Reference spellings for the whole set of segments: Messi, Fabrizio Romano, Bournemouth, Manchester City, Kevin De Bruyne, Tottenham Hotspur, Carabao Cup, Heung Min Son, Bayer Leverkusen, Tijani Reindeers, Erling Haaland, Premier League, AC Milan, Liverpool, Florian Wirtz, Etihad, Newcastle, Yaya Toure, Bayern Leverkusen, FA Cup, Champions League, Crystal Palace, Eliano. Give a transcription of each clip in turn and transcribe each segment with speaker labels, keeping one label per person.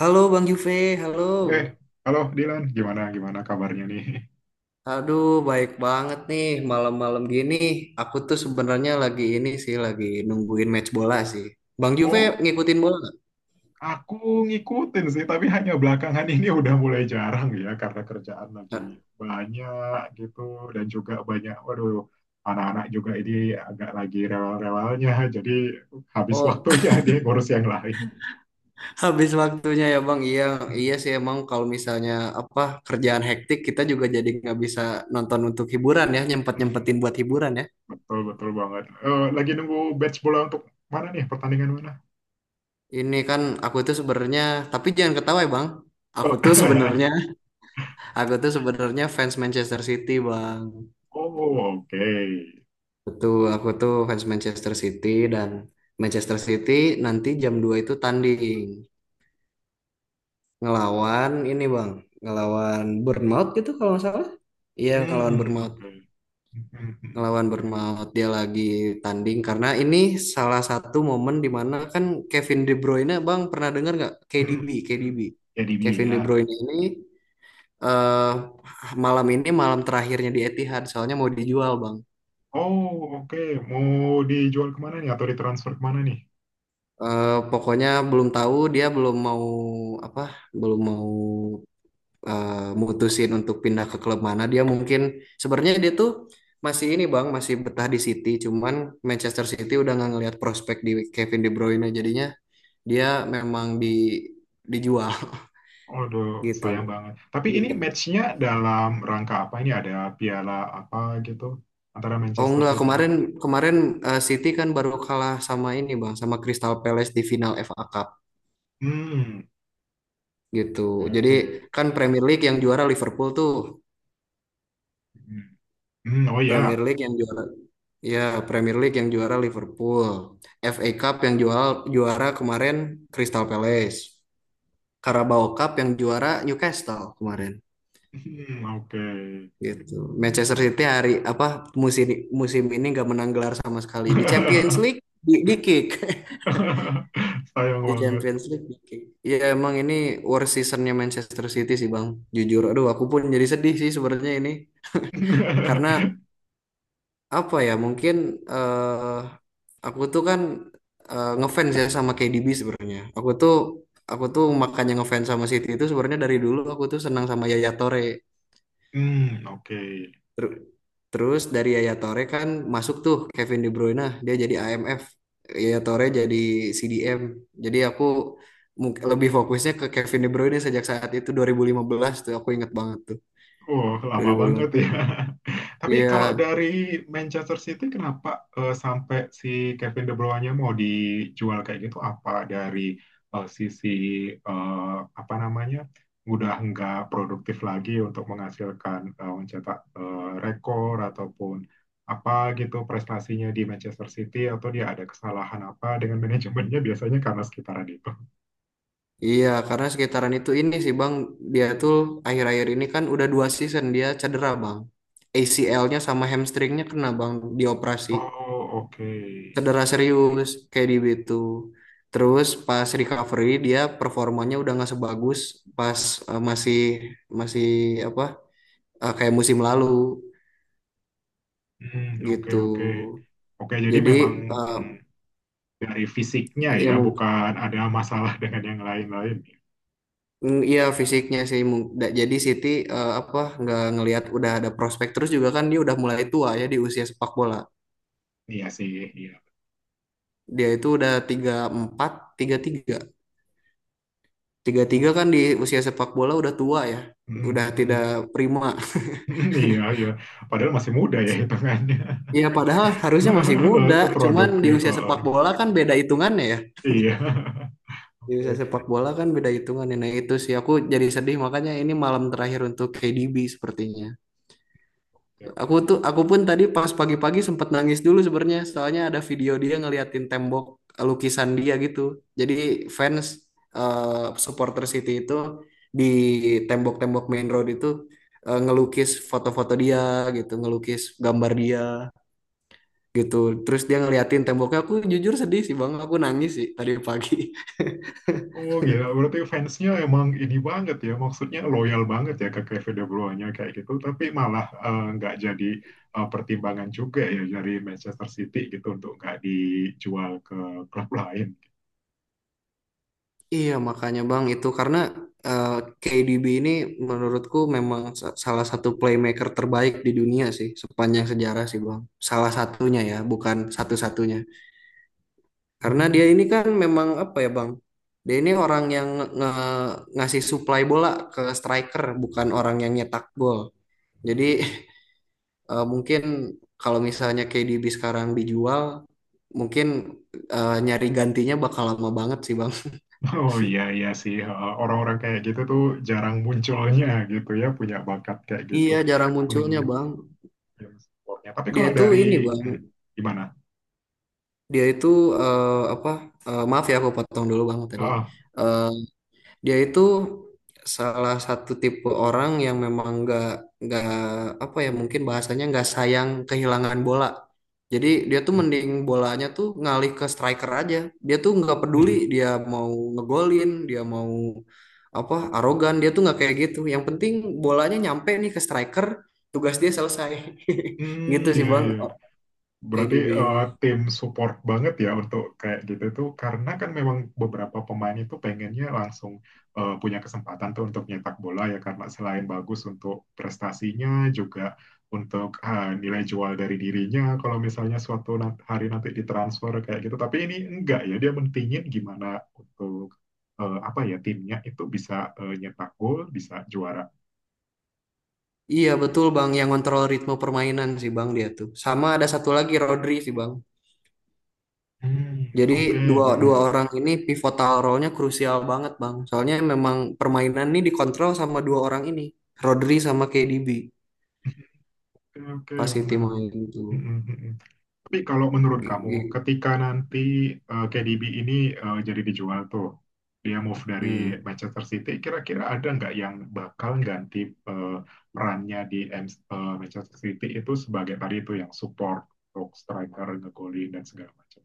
Speaker 1: Halo Bang Juve, halo.
Speaker 2: Eh, Halo Dilan, gimana gimana kabarnya nih?
Speaker 1: Aduh, baik banget nih malam-malam gini. Aku tuh sebenarnya lagi ini sih, lagi nungguin match bola sih. Bang Juve
Speaker 2: Oh,
Speaker 1: ngikutin bola nggak?
Speaker 2: aku ngikutin sih, tapi hanya belakangan ini udah mulai jarang ya karena kerjaan lagi
Speaker 1: Nggak.
Speaker 2: banyak gitu dan juga banyak, waduh, anak-anak juga ini agak lagi rewel-rewelnya, jadi habis
Speaker 1: Oh,
Speaker 2: waktunya dia ngurus yang lain.
Speaker 1: habis waktunya ya Bang. Iya, iya sih emang kalau misalnya apa kerjaan hektik kita juga jadi nggak bisa nonton untuk hiburan ya,
Speaker 2: Hmm,
Speaker 1: nyempet-nyempetin buat hiburan ya.
Speaker 2: betul betul banget. Lagi nunggu batch bola untuk mana nih pertandingan mana?
Speaker 1: Ini kan aku tuh sebenarnya, tapi jangan ketawa ya Bang. Aku tuh sebenarnya,
Speaker 2: Oh,
Speaker 1: aku tuh sebenarnya fans Manchester City Bang.
Speaker 2: oh, oke.
Speaker 1: Betul, aku tuh fans Manchester City dan Manchester City nanti jam 2 itu tanding ngelawan ini Bang, ngelawan Bournemouth gitu kalau nggak salah. Iya, ngelawan
Speaker 2: Hmm,
Speaker 1: Bournemouth.
Speaker 2: oke.
Speaker 1: Ngelawan Bournemouth dia lagi tanding karena ini salah satu momen di mana kan Kevin De Bruyne Bang pernah dengar nggak
Speaker 2: Mm,
Speaker 1: KDB,
Speaker 2: mm.
Speaker 1: KDB.
Speaker 2: Jadi
Speaker 1: Kevin
Speaker 2: dia.
Speaker 1: De Bruyne ini eh malam ini malam terakhirnya di Etihad soalnya mau dijual Bang.
Speaker 2: Oh, oke. Mau dijual kemana nih atau ditransfer kemana nih?
Speaker 1: Pokoknya belum tahu dia belum mau apa belum mau eh, mutusin untuk pindah ke klub mana dia mungkin sebenarnya dia tuh masih ini Bang masih betah di City cuman Manchester City udah nggak ngelihat prospek di Kevin De Bruyne jadinya dia memang dijual
Speaker 2: Aduh,
Speaker 1: gitu.
Speaker 2: sayang banget. Tapi ini matchnya dalam rangka apa? Ini ada piala apa gitu antara
Speaker 1: Oh
Speaker 2: Manchester
Speaker 1: enggak,
Speaker 2: City nih?
Speaker 1: kemarin kemarin City kan baru kalah sama ini Bang sama Crystal Palace di final FA Cup
Speaker 2: Hmm,
Speaker 1: gitu.
Speaker 2: oke.
Speaker 1: Jadi
Speaker 2: Oke.
Speaker 1: kan Premier League yang juara Liverpool tuh.
Speaker 2: Hmm, hmm, oh
Speaker 1: Premier
Speaker 2: ya.
Speaker 1: League yang juara Ya, Premier League yang juara Liverpool. FA Cup yang juara juara kemarin Crystal Palace. Carabao Cup yang juara Newcastle kemarin.
Speaker 2: Hmm, oke.
Speaker 1: Gitu. Manchester City hari apa musim musim ini nggak menang gelar sama sekali. Di Champions League di kick.
Speaker 2: Sayang
Speaker 1: Di
Speaker 2: banget.
Speaker 1: Champions League di kick. Ya emang ini worst seasonnya Manchester City sih Bang. Jujur, aduh aku pun jadi sedih sih sebenarnya ini. Karena apa ya mungkin eh aku tuh kan ngefans ya sama KDB sebenarnya. Aku tuh makanya ngefans sama City itu sebenarnya dari dulu aku tuh senang sama Yaya Toure.
Speaker 2: Hmm, oke.
Speaker 1: Ter- Terus dari Yaya Toure kan masuk tuh Kevin De Bruyne, dia jadi AMF. Yaya Toure jadi CDM. Jadi aku lebih fokusnya ke Kevin De Bruyne sejak saat itu 2015 tuh aku inget banget tuh
Speaker 2: Oh, lama banget
Speaker 1: 2015.
Speaker 2: ya. Tapi
Speaker 1: Iya,
Speaker 2: kalau dari Manchester City, kenapa sampai si Kevin De Bruyne mau dijual kayak gitu? Apa dari sisi eh, apa namanya, udah nggak produktif lagi untuk menghasilkan mencetak rekor ataupun apa gitu prestasinya di Manchester City atau dia ada kesalahan apa dengan manajemennya biasanya karena sekitaran itu.
Speaker 1: iya, karena sekitaran itu ini sih Bang, dia tuh akhir-akhir ini kan udah 2 season dia cedera Bang. ACL-nya sama hamstringnya kena Bang, dioperasi.
Speaker 2: Oh, oke.
Speaker 1: Cedera serius, kayak di gitu. Terus pas recovery dia performanya udah nggak sebagus pas masih masih apa kayak musim lalu
Speaker 2: Hmm, oke,
Speaker 1: gitu.
Speaker 2: oke. Oke, jadi
Speaker 1: Jadi
Speaker 2: memang
Speaker 1: eh,
Speaker 2: hmm, dari fisiknya
Speaker 1: ya
Speaker 2: ya,
Speaker 1: mungkin.
Speaker 2: bukan ada masalah dengan yang lain-lain.
Speaker 1: Iya fisiknya sih jadi Siti apa nggak ngelihat udah ada prospek terus juga kan dia udah mulai tua ya di usia sepak bola.
Speaker 2: Iya sih, iya.
Speaker 1: Dia itu udah tiga empat tiga tiga tiga tiga kan di usia sepak bola udah tua ya,
Speaker 2: Hmm,
Speaker 1: udah
Speaker 2: hmm,
Speaker 1: tidak prima.
Speaker 2: hmm. Iya, iya. Padahal masih muda ya hitungannya.
Speaker 1: Iya padahal harusnya masih muda cuman di
Speaker 2: Produktif.
Speaker 1: usia sepak
Speaker 2: Heeh.
Speaker 1: bola kan beda hitungannya ya,
Speaker 2: Iya.
Speaker 1: di
Speaker 2: Oke,
Speaker 1: usia sepak bola kan beda hitungannya. Nah itu sih aku jadi sedih makanya ini malam terakhir untuk KDB sepertinya.
Speaker 2: oke,
Speaker 1: Aku
Speaker 2: oke.
Speaker 1: tuh aku pun tadi pas pagi-pagi sempet nangis dulu sebenarnya soalnya ada video dia ngeliatin tembok, eh, lukisan dia gitu. Jadi fans supporter City itu di tembok-tembok main road itu ngelukis foto-foto dia gitu, ngelukis gambar dia gitu. Terus dia ngeliatin temboknya. Aku jujur sedih sih Bang, aku nangis sih tadi pagi.
Speaker 2: Oh, gila. Berarti fansnya emang ini banget ya. Maksudnya loyal banget ya ke Kevin De Bruyne kayak gitu. Tapi malah nggak jadi pertimbangan juga ya dari Manchester City gitu untuk nggak dijual ke klub lain.
Speaker 1: Iya, makanya Bang itu karena eh, KDB ini menurutku memang salah satu playmaker terbaik di dunia sih sepanjang sejarah sih Bang. Salah satunya ya, bukan satu-satunya. Karena
Speaker 2: Hmm. Hmm.
Speaker 1: dia ini kan memang apa ya Bang? Dia ini orang yang ngasih supply bola ke striker, bukan orang yang nyetak gol. Jadi mungkin kalau misalnya KDB sekarang dijual, mungkin nyari gantinya bakal lama banget sih Bang.
Speaker 2: Oh, iya iya sih. Orang-orang kayak gitu tuh jarang munculnya gitu ya punya bakat kayak gitu.
Speaker 1: Iya, jarang
Speaker 2: Hmm,
Speaker 1: munculnya Bang.
Speaker 2: yang sportnya. Tapi
Speaker 1: Dia
Speaker 2: kalau
Speaker 1: itu ini
Speaker 2: dari
Speaker 1: bang,
Speaker 2: hmm, gimana?
Speaker 1: dia itu eh, apa? Maaf ya aku potong dulu bang
Speaker 2: Ah,
Speaker 1: tadi.
Speaker 2: ah,
Speaker 1: Eh, Dia itu salah satu tipe orang yang memang nggak nggak apa ya mungkin bahasanya nggak sayang kehilangan bola. Jadi dia tuh mending
Speaker 2: hmm,
Speaker 1: bolanya tuh ngalih ke striker aja. Dia tuh nggak peduli
Speaker 2: hmm,
Speaker 1: dia mau ngegolin, dia mau apa arogan, dia tuh nggak kayak gitu. Yang penting bolanya nyampe nih ke striker, tugas dia selesai.
Speaker 2: hmm,
Speaker 1: Gitu sih
Speaker 2: iya
Speaker 1: bang,
Speaker 2: iya. Berarti
Speaker 1: KDB ini.
Speaker 2: tim support banget ya untuk kayak gitu tuh karena kan memang beberapa pemain itu pengennya langsung punya kesempatan tuh untuk nyetak bola ya karena selain bagus untuk prestasinya juga untuk ah, nilai jual dari dirinya kalau misalnya suatu hari nanti ditransfer kayak gitu tapi ini enggak ya dia mentingin gimana untuk apa ya timnya itu bisa nyetak gol bisa juara.
Speaker 1: Iya betul Bang, yang kontrol ritme permainan sih Bang dia tuh. Sama ada satu lagi Rodri sih Bang.
Speaker 2: Hmm,
Speaker 1: Jadi
Speaker 2: oke,
Speaker 1: dua dua
Speaker 2: mm-mm.
Speaker 1: orang ini pivotal role-nya krusial banget Bang. Soalnya memang permainan ini dikontrol sama dua orang ini, Rodri sama KDB
Speaker 2: Oke, oke,
Speaker 1: pas City main
Speaker 2: menarik.
Speaker 1: itu.
Speaker 2: Hmm, hmm, hmm, hmm. Tapi kalau menurut
Speaker 1: G-
Speaker 2: kamu,
Speaker 1: g-
Speaker 2: ketika nanti KDB ini jadi dijual tuh, dia move dari
Speaker 1: Hmm.
Speaker 2: Manchester City, kira-kira ada nggak yang bakal ganti eh, perannya di Manchester City itu sebagai tadi itu yang support untuk striker, ngegolin dan segala macam.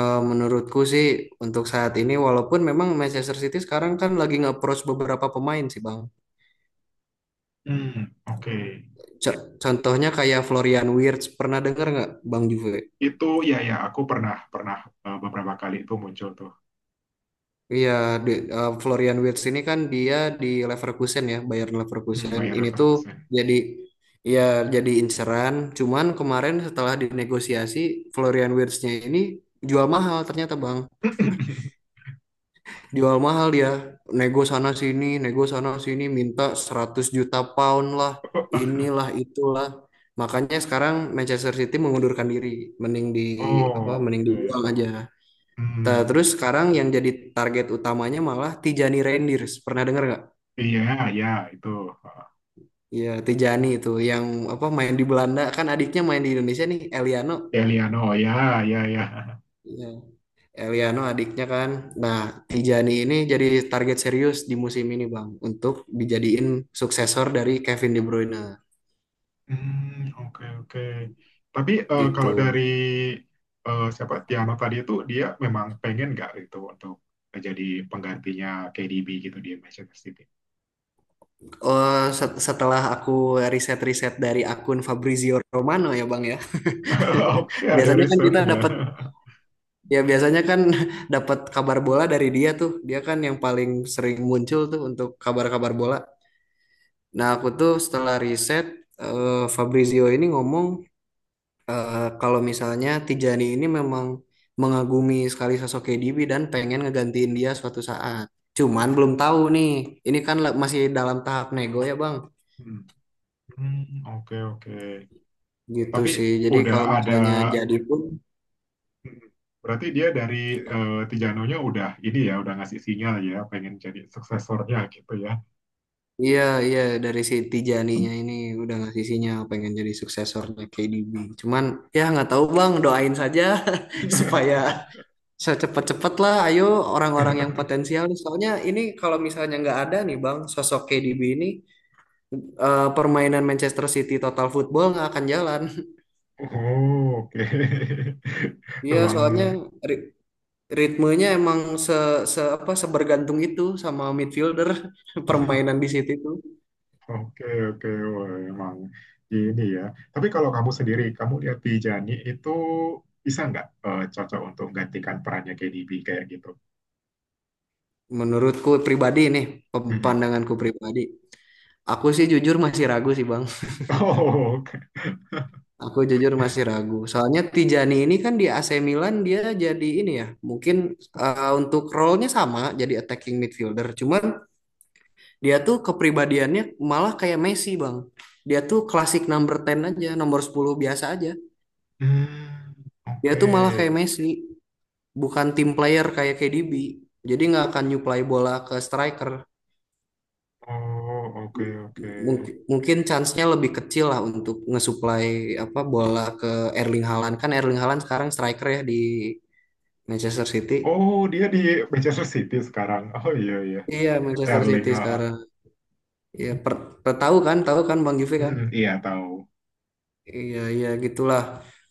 Speaker 1: Menurutku sih untuk saat ini walaupun memang Manchester City sekarang kan lagi nge-approach beberapa pemain sih Bang.
Speaker 2: Hmm, oke.
Speaker 1: Contohnya kayak Florian Wirtz, pernah dengar nggak Bang Juve?
Speaker 2: Itu ya ya, aku pernah pernah beberapa kali itu muncul tuh.
Speaker 1: Iya, Florian Wirtz ini kan dia di Leverkusen ya, Bayern
Speaker 2: Hmm,
Speaker 1: Leverkusen.
Speaker 2: Bayer
Speaker 1: Ini tuh
Speaker 2: Leverkusen.
Speaker 1: jadi, ya inceran. Cuman kemarin setelah dinegosiasi, Florian Wirtz-nya ini jual mahal ternyata Bang. Jual mahal dia, nego sana sini, minta 100 juta pound lah, inilah itulah. Makanya sekarang Manchester City mengundurkan diri, mending di apa, mending dibuang
Speaker 2: Oke.
Speaker 1: aja.
Speaker 2: Hmm,
Speaker 1: Terus sekarang yang jadi target utamanya malah Tijani Reindeers. Pernah denger nggak?
Speaker 2: iya ya itu.
Speaker 1: Iya, Tijani itu yang apa main di Belanda kan adiknya main di Indonesia nih, Eliano.
Speaker 2: Delia no ya ya ya.
Speaker 1: Iya, Eliano adiknya kan. Nah, Tijani ini jadi target serius di musim ini, Bang, untuk dijadiin suksesor dari Kevin De Bruyne
Speaker 2: Hmm, oke oke. Tapi
Speaker 1: gitu.
Speaker 2: kalau dari siapa Tiano tadi itu dia memang pengen nggak gitu untuk jadi penggantinya KDB gitu di Manchester City.
Speaker 1: Oh, setelah aku riset-riset dari akun Fabrizio Romano ya, Bang ya.
Speaker 2: Oke, ada
Speaker 1: Biasanya kan kita
Speaker 2: risetnya.
Speaker 1: dapat Ya biasanya kan dapat kabar bola dari dia tuh. Dia kan yang paling sering muncul tuh untuk kabar-kabar bola. Nah, aku tuh setelah riset eh, Fabrizio ini ngomong kalau misalnya Tijani ini memang mengagumi sekali sosok KDB dan pengen ngegantiin dia suatu saat. Cuman belum tahu nih. Ini kan masih dalam tahap nego ya, Bang.
Speaker 2: Hmm, hmm, oke oke.
Speaker 1: Gitu
Speaker 2: Tapi
Speaker 1: sih. Jadi
Speaker 2: udah
Speaker 1: kalau
Speaker 2: ada.
Speaker 1: misalnya jadi pun.
Speaker 2: hmm, Berarti dia dari Tijanonya udah ini ya, udah ngasih sinyal ya, pengen jadi suksesornya gitu ya.
Speaker 1: Iya, iya, dari si Tijaninya ini udah ngasih sinyal pengen jadi suksesornya KDB. Cuman ya nggak tahu Bang, doain saja supaya secepat-cepat lah. Ayo orang-orang yang potensial nih. Soalnya ini kalau misalnya nggak ada nih Bang, sosok KDB ini permainan Manchester City total football nggak akan jalan.
Speaker 2: Oh, oke.
Speaker 1: Iya,
Speaker 2: Memang
Speaker 1: soalnya ri- ritmenya emang se, se apa, sebergantung itu sama midfielder permainan di City itu.
Speaker 2: oke oke. Wah, emang ini ya. Tapi kalau kamu sendiri, kamu lihat di Jani itu bisa nggak cocok untuk menggantikan perannya KDB kayak gitu?
Speaker 1: Menurutku pribadi nih,
Speaker 2: Mm-mm.
Speaker 1: pandanganku pribadi. Aku sih jujur masih ragu sih Bang.
Speaker 2: Oh, oke.
Speaker 1: Aku jujur masih ragu. Soalnya Tijani ini kan di AC Milan dia jadi ini ya. Mungkin untuk role-nya sama jadi attacking midfielder. Cuman dia tuh kepribadiannya malah kayak Messi Bang. Dia tuh klasik number 10 aja, nomor 10 biasa aja.
Speaker 2: Hmm,
Speaker 1: Dia
Speaker 2: oke.
Speaker 1: tuh malah kayak Messi, bukan team player kayak KDB. Jadi nggak akan nyuplai bola ke striker.
Speaker 2: Oh, oke, oke.
Speaker 1: Mungkin mungkin chance-nya lebih kecil lah untuk ngesuplai apa bola ke Erling Haaland. Kan Erling Haaland sekarang striker ya di Manchester City,
Speaker 2: Oh, dia di Manchester City sekarang. Oh, iya iya.
Speaker 1: iya Manchester
Speaker 2: Erling,
Speaker 1: City
Speaker 2: ah, ah.
Speaker 1: sekarang. Ya per, per- tahu kan Bang Juve kan.
Speaker 2: Mm-mm, iya tahu.
Speaker 1: Iya iya gitulah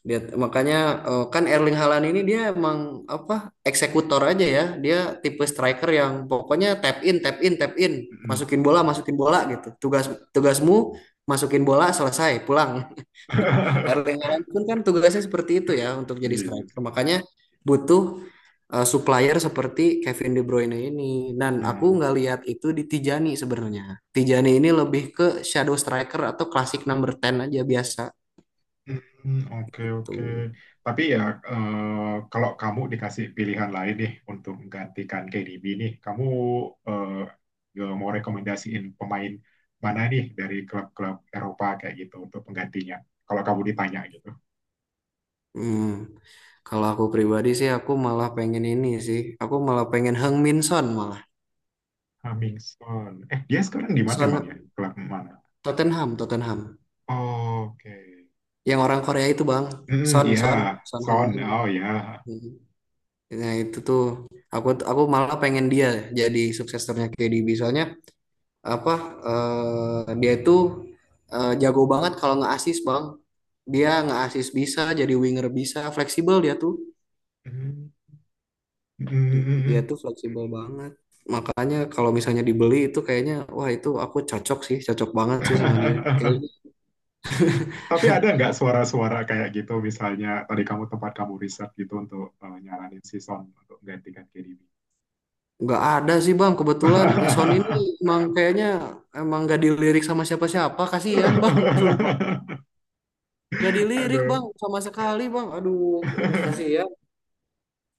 Speaker 1: dia. Makanya kan Erling Haaland ini dia emang apa eksekutor aja ya, dia tipe striker yang pokoknya tap in tap in tap in,
Speaker 2: Mm-mm.
Speaker 1: masukin bola gitu. Tugas, tugasmu masukin bola selesai pulang. Erling Haaland pun kan tugasnya seperti itu ya untuk jadi
Speaker 2: Iya.
Speaker 1: striker. Makanya butuh supplier seperti Kevin De Bruyne ini. Dan aku
Speaker 2: Mm.
Speaker 1: nggak lihat itu di Tijani sebenarnya. Tijani ini lebih ke shadow striker atau classic number 10 aja biasa
Speaker 2: Hmm, oke,
Speaker 1: gitu.
Speaker 2: oke. Tapi ya, eh, kalau kamu dikasih pilihan lain nih untuk menggantikan KDB nih, kamu eh, mau rekomendasiin pemain mana nih dari klub-klub Eropa kayak gitu untuk penggantinya? Kalau kamu ditanya gitu.
Speaker 1: Hmm. Kalau aku pribadi sih aku malah pengen ini sih. Aku malah pengen Heung Min Son malah.
Speaker 2: Hamilton. Dia sekarang di mana emang ya?
Speaker 1: Son
Speaker 2: Klub mana?
Speaker 1: Tottenham, Tottenham.
Speaker 2: Oke.
Speaker 1: Yang orang Korea itu Bang.
Speaker 2: Hmm,
Speaker 1: Son,
Speaker 2: iya.
Speaker 1: Son, Son Heung
Speaker 2: Son.
Speaker 1: Min.
Speaker 2: Oh, ya.
Speaker 1: Hmm. Nah itu tuh aku malah pengen dia jadi suksesornya KDB soalnya apa dia itu jago banget kalau nge-assist bang. Dia nge-assist bisa jadi winger, bisa fleksibel
Speaker 2: Hmm.
Speaker 1: dia
Speaker 2: Hmm.
Speaker 1: tuh fleksibel banget. Makanya kalau misalnya dibeli itu kayaknya wah itu aku cocok sih, cocok banget sih sama dia kayaknya.
Speaker 2: Tapi ada nggak suara-suara kayak gitu misalnya tadi kamu tempat kamu riset gitu untuk nyaranin si Son untuk menggantikan KDB.
Speaker 1: Nggak ada sih bang kebetulan, Son ini emang kayaknya emang nggak dilirik sama siapa-siapa, kasihan bang. Sumpah. Gak dilirik bang
Speaker 2: Aduh.
Speaker 1: sama sekali bang. Aduh, ini kasih ya.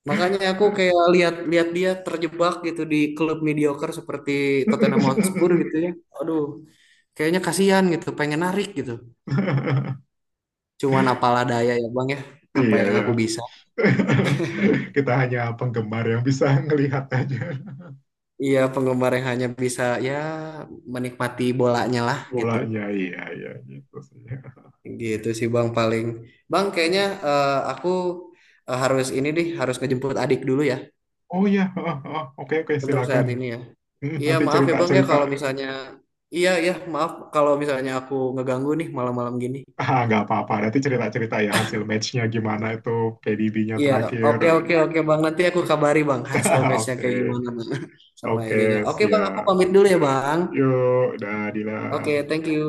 Speaker 1: Makanya aku kayak lihat-lihat dia terjebak gitu di klub mediocre seperti Tottenham Hotspur gitu ya. Aduh, kayaknya kasihan gitu. Pengen narik gitu. Cuman apalah daya ya bang ya. Apa
Speaker 2: Iya
Speaker 1: yang
Speaker 2: ya.
Speaker 1: aku bisa.
Speaker 2: Kita hanya penggemar yang bisa ngelihat aja
Speaker 1: Iya penggemar yang hanya bisa ya menikmati bolanya lah gitu.
Speaker 2: bolanya. Iya iya gitu sih.
Speaker 1: Gitu sih bang paling. Bang kayaknya aku harus ini deh, harus ngejemput adik dulu ya
Speaker 2: Oh ya, oke oke
Speaker 1: untuk
Speaker 2: silakan.
Speaker 1: saat ini ya.
Speaker 2: Hmm,
Speaker 1: Iya
Speaker 2: nanti
Speaker 1: maaf ya Bang ya
Speaker 2: cerita-cerita.
Speaker 1: kalau misalnya, iya ya maaf kalau misalnya aku ngeganggu nih malam-malam gini.
Speaker 2: Ah, nggak apa-apa. Nanti cerita-cerita ya hasil matchnya gimana itu PDB-nya
Speaker 1: Iya,
Speaker 2: terakhir.
Speaker 1: oke
Speaker 2: Aduh.
Speaker 1: oke oke Bang, nanti aku kabari Bang hasil matchnya kayak
Speaker 2: Oke,
Speaker 1: gimana Bang sama
Speaker 2: oke,
Speaker 1: idenya. Oke Bang aku
Speaker 2: siap.
Speaker 1: pamit dulu ya Bang.
Speaker 2: Yuk, udah, Dila.
Speaker 1: Oke thank you.